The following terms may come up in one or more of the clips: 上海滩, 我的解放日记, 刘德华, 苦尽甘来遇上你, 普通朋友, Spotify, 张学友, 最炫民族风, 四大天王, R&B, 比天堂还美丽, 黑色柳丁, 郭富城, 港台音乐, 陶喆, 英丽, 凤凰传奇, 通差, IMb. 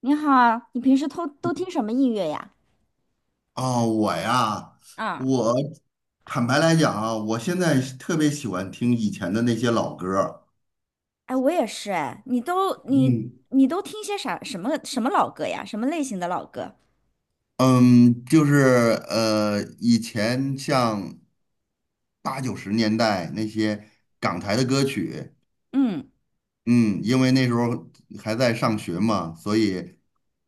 你好啊，你平时都听什么音乐呀？哦，我呀，啊，我坦白来讲啊，我现在是特别喜欢听以前的那些老歌儿。哎，我也是哎，你都你嗯。你都听些啥什么什么老歌呀？什么类型的老歌？嗯。就是以前像八九十年代那些港台的歌曲。嗯，嗯。因为那时候还在上学嘛，所以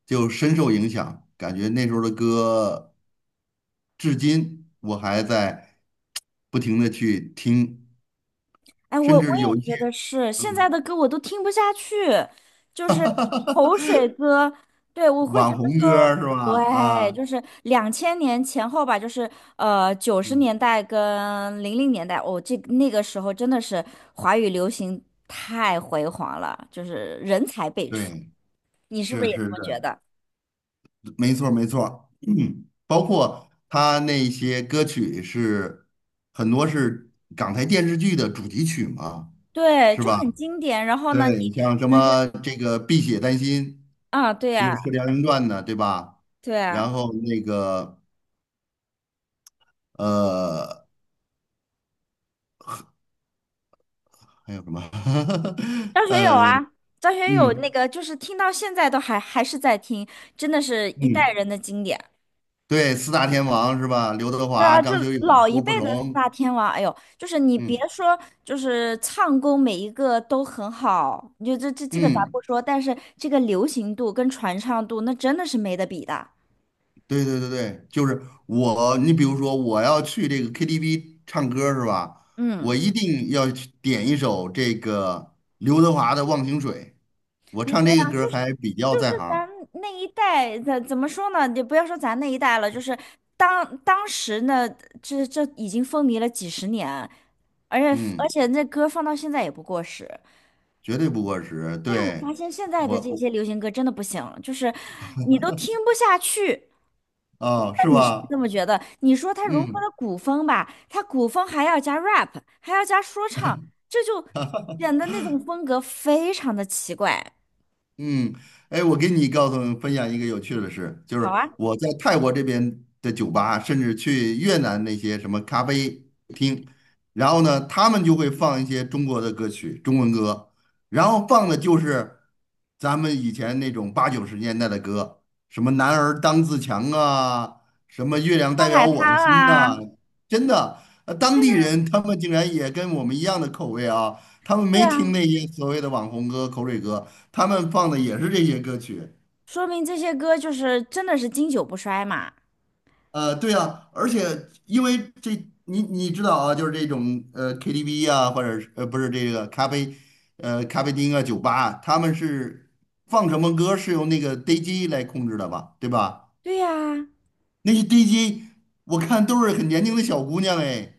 就深受影响，感觉那时候的歌至今我还在不停的去听，哎，我甚我至有一也些。觉得是，现在嗯。的歌我都听不下去，就是口 水歌。对，我会觉网得红歌儿是说，吧？对，啊。就是两千年前后吧，就是九十年嗯。代跟零零年代，哦，这那个时候真的是华语流行太辉煌了，就是人才辈出。对，你是不是是也是这是，么觉得？没错儿没错儿，包括他那些歌曲是很多是港台电视剧的主题曲嘛，对，是就吧？很经典。然后呢，对，像什么这个《碧血丹心》啊，对就是呀，《射雕英雄传的，对吧？对呀，然后那个呃，还有什么？张学友呃，啊，张学友那嗯。个就是听到现在都还是在听，真的是一代嗯。人的经典。对，四大天王是吧？刘德对华、啊，就张学友、老一郭富辈城。的四大天王，哎呦，就是你别嗯。说，就是唱功每一个都很好，你就这个咱不嗯。说，但是这个流行度跟传唱度，那真的是没得比的。对对对对，就是我，你比如说我要去这个 KTV 唱歌是吧？我嗯。一定要去点一首这个刘德华的《忘情水》，我嗯，唱对这个啊，歌就是还比较在行。咱那一代，怎么说呢？你不要说咱那一代了，就是当时呢，这已经风靡了几十年，而且嗯。那歌放到现在也不过时。绝对不过时。但是我发对，现现在我，的这我。些流行歌真的不行，就是你都听不下去。哦，那是你是不是吧？这么觉得？你说它融合嗯。了古风吧，它古风还要加 rap，还要加说唱，这就显得那种风格非常的奇怪。嗯。哎，我给你告诉分享一个有趣的事，就好是啊，我在泰国这边的酒吧，甚至去越南那些什么咖啡厅，然后呢，他们就会放一些中国的歌曲，中文歌，然后放的就是咱们以前那种八九十年代的歌，什么"男儿当自强"啊，什么"月亮上代表海滩我的心"呐，啊。真的，当地人他们竟然也跟我们一样的口味啊，他们对没呀，听那些所谓的网红歌、口水歌，他们放的也是这些歌曲。说明这些歌就是真的是经久不衰嘛。对啊，而且因为这，你知道啊，就是这种KTV 啊，或者是不是这个咖啡，咖啡厅啊、酒吧啊，他们是放什么歌是由那个 DJ 来控制的吧，对吧？对呀，那些 DJ 我看都是很年轻的小姑娘哎，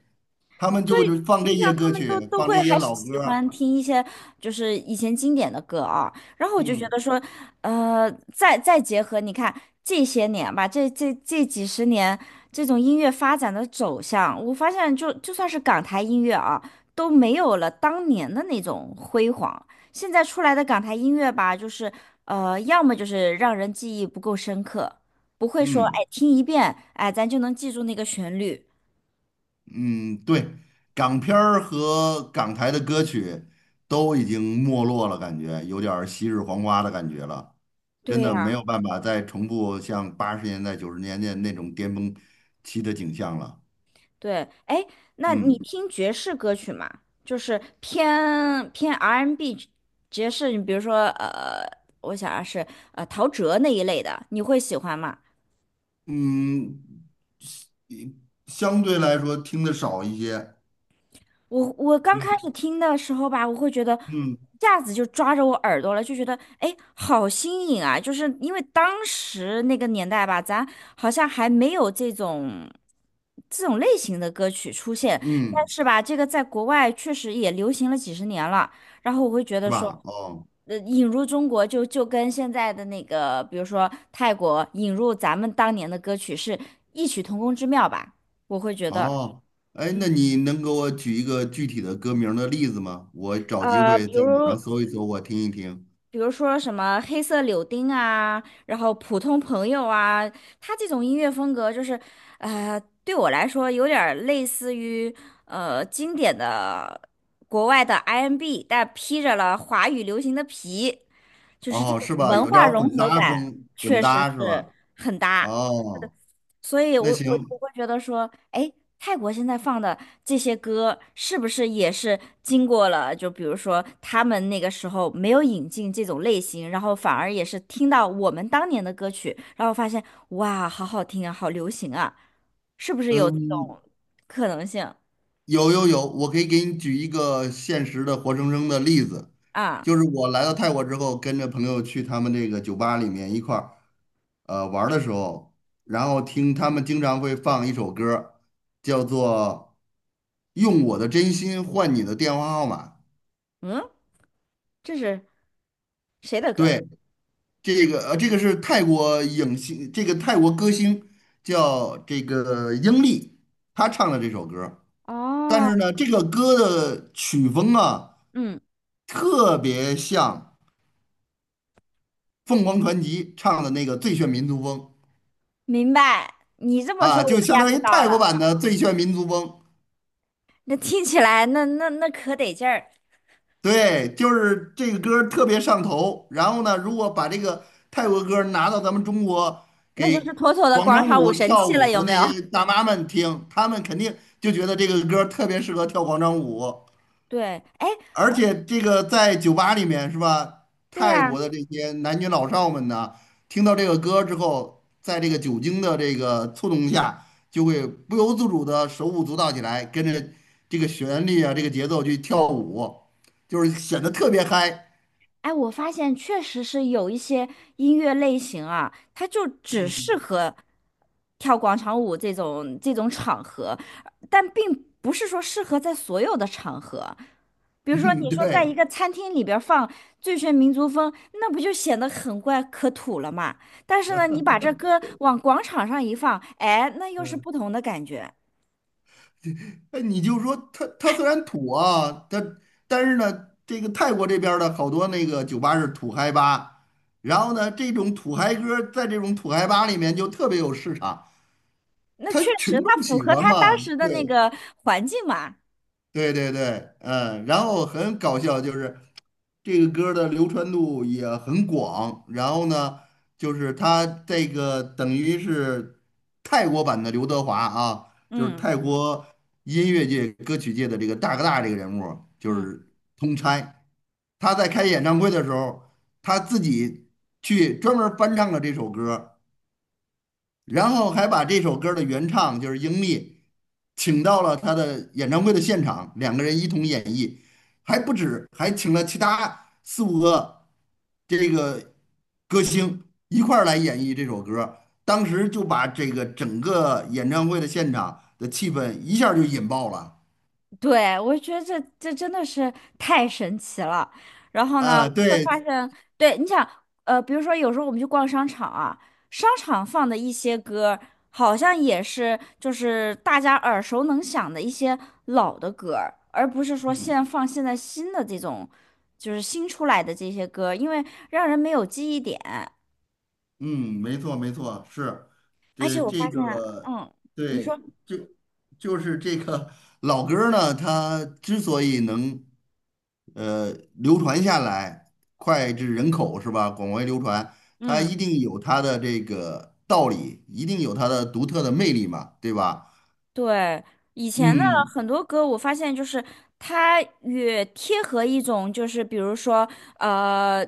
他们所就以就放你这些想，他歌们都曲，都放会这些还是老喜歌欢儿。听一些就是以前经典的歌啊。然后我就觉嗯。得说，再结合你看这些年吧，这几十年这种音乐发展的走向，我发现就算是港台音乐啊，都没有了当年的那种辉煌。现在出来的港台音乐吧，就是要么就是让人记忆不够深刻，不会说嗯。哎听一遍哎咱就能记住那个旋律。嗯，对，港片儿和港台的歌曲都已经没落了，感觉有点儿昔日黄花的感觉了。真对的没呀、有办法再重复像八十年代、九十年代那种巅峰期的景象了。对，哎，那你嗯。听爵士歌曲吗？就是偏偏 R&B N 爵士，你比如说我想啊是陶喆那一类的，你会喜欢吗？嗯，一相对来说听的少一些。我刚开始听的时候吧，我会觉得嗯。一下子就抓着我耳朵了，就觉得哎，好新颖啊！就是因为当时那个年代吧，咱好像还没有这种类型的歌曲出现，但嗯，是吧，这个在国外确实也流行了几十年了。然后我会觉得是说，吧？哦。引入中国就跟现在的那个，比如说泰国引入咱们当年的歌曲是异曲同工之妙吧，我会觉得。哦，哎，那你能给我举一个具体的歌名儿的例子吗？我找机呃，会比在网如上搜一搜，我听一听。比如说什么黑色柳丁啊，然后普通朋友啊，他这种音乐风格就是，对我来说有点儿类似于经典的国外的 I M b 但披着了华语流行的皮，就是这哦，种是吧？文有点化儿融混合搭感，风，混确实搭是是吧？很搭。哦，所以我，那我我行。会觉得说，哎，泰国现在放的这些歌，是不是也是经过了？就比如说，他们那个时候没有引进这种类型，然后反而也是听到我们当年的歌曲，然后发现，哇，好好听啊，好流行啊，是不是有这嗯。种可能性有有有，我可以给你举一个现实的活生生的例子，啊？就是我来到泰国之后，跟着朋友去他们这个酒吧里面一块儿玩儿的时候，然后听他们经常会放一首歌儿叫做《用我的真心换你的电话号码》。嗯，这是谁的歌？对，这个这个是泰国影星，这个泰国歌星叫这个英丽，她唱的这首歌。但哦，是呢，这个歌的曲风啊，嗯，特别像凤凰传奇唱的那个《最炫民族风》明白。你这么啊，说，我 就相当于 get 到泰国了。版的《最炫民族风》。那听起来，那可得劲儿。对，就是这个歌儿特别上头。然后呢，如果把这个泰国歌儿拿到咱们中国那就是给妥妥的广广场场舞舞神跳器舞了，有的没那有？些 大妈们听，她们肯定就觉得这个歌儿特别适合跳广场舞。对，哎，而且这个在酒吧里面是吧？对泰呀，国的这些男女老少们呢，听到这个歌之后，在这个酒精的这个触动下，就会不由自主的手舞足蹈起来，跟着这个旋律啊，这个节奏去跳舞，就是显得特别嗨。哎，我发现确实是有一些音乐类型啊，它就只适 合跳广场舞这种场合，但并不是说适合在所有的场合。比如说，你嗯，说在一对。个餐厅里边儿放《最炫民族风》，那不就显得很怪可土了嘛？但是呢，你把这歌往广场上一放，哎，那又是不同的感觉。哎，你就说他，他虽然土啊，它但是呢，这个泰国这边儿的好多那个酒吧是土嗨吧，然后呢，这种土嗨歌儿在这种土嗨吧里面就特别有市场，那他确实，群它众符喜合欢他当嘛，时的那对。个环境嘛。对对对，嗯，然后很搞笑，就是这个歌儿的流传度也很广，然后呢，就是他这个等于是泰国版的刘德华啊，就是嗯泰国音乐界、歌曲界的这个大哥大这个人物儿就嗯，是通差。他在开演唱会的时候，他自己去专门儿翻唱了这首歌儿，然后还把这首歌的原唱就是英利，请到了他的演唱会的现场，两个人一同演绎，还不止，还请了其他四五个这个歌星一块儿来演绎这首歌。当时就把这个整个演唱会的现场的气氛一下儿就引爆了。对，我觉得这真的是太神奇了。然后呢，啊，会对。发现，对，你想，比如说有时候我们去逛商场啊，商场放的一些歌，好像也是就是大家耳熟能详的一些老的歌儿而不是说现在放现在新的这种，就是新出来的这些歌，因为让人没有记忆点。嗯。没错没错，是，而这且我这发现，个，嗯，你对，说，就就是这个老歌儿呢，它之所以能流传下来，脍炙人口是吧？广为流传，它一嗯。定有它的这个道理，一定有它的独特的魅力嘛，对吧？对，以前的嗯。很多歌，我发现就是它越贴合一种，就是比如说呃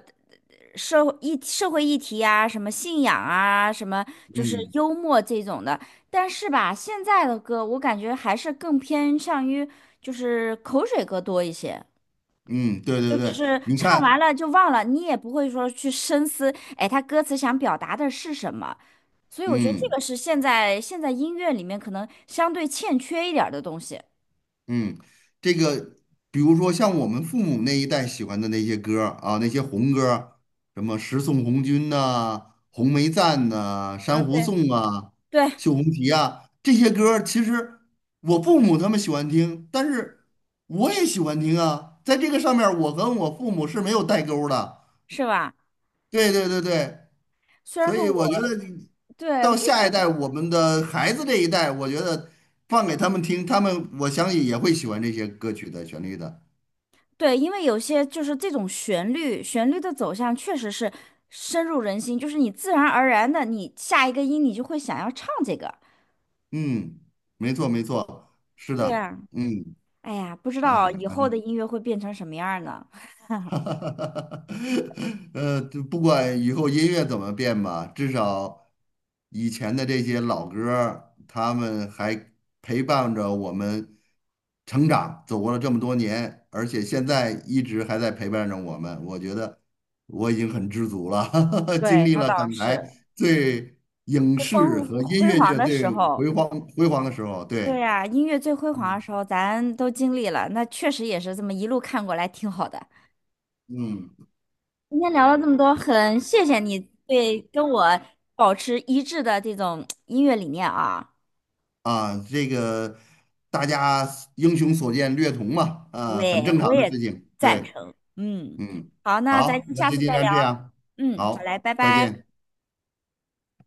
社会议题啊，什么信仰啊，什么就是嗯。幽默这种的。但是吧，现在的歌我感觉还是更偏向于就是口水歌多一些，嗯。对就对只对，是你唱完看。了就忘了，你也不会说去深思，哎，他歌词想表达的是什么。所以我觉得这嗯。个是现在音乐里面可能相对欠缺一点儿的东西。嗯，这个比如说像我们父母那一代喜欢的那些歌儿啊，那些红歌儿，什么《十送红军》呐、《红梅赞》呐、啊，《珊瑚对，颂》啊、对，《绣红旗》啊，这些歌儿其实我父母他们喜欢听，但是我也喜欢听啊。在这个上面儿我跟我父母是没有代沟儿的。是吧？对对对对，虽然所说以我我觉得对，到就下一是代，我们的孩子这一代，我觉得放给他们听，他们我相信也会喜欢这些歌曲的旋律的。对，因为有些就是这种旋律，旋律的走向确实是深入人心，就是你自然而然的，你下一个音你就会想要唱这个。嗯，没错没错，是对的。呀，嗯。哎呀，不知哎呀，道以反后正。的音乐会变成什么样儿呢？哈，就不管以后音乐怎么变吧，至少以前的这些老歌儿他们还陪伴着我们成长，走过了这么多年，而且现在一直还在陪伴着我们。我觉得我已经很知足了，经对，历那了倒港台是，最影最视和音辉乐煌界的时最候，辉煌辉煌的时候。对对。呀，音乐最辉煌嗯。的时候咱都经历了，那确实也是这么一路看过来，挺好的。嗯。今天聊了这么多，很谢谢你对跟我保持一致的这种音乐理念啊，啊，这个大家英雄所见略同嘛，啊，很对，正我常的也事情。赞对。成。嗯，嗯。好，那咱好，那下就次尽再聊。量这样。嗯，好好，嘞，拜再拜。见。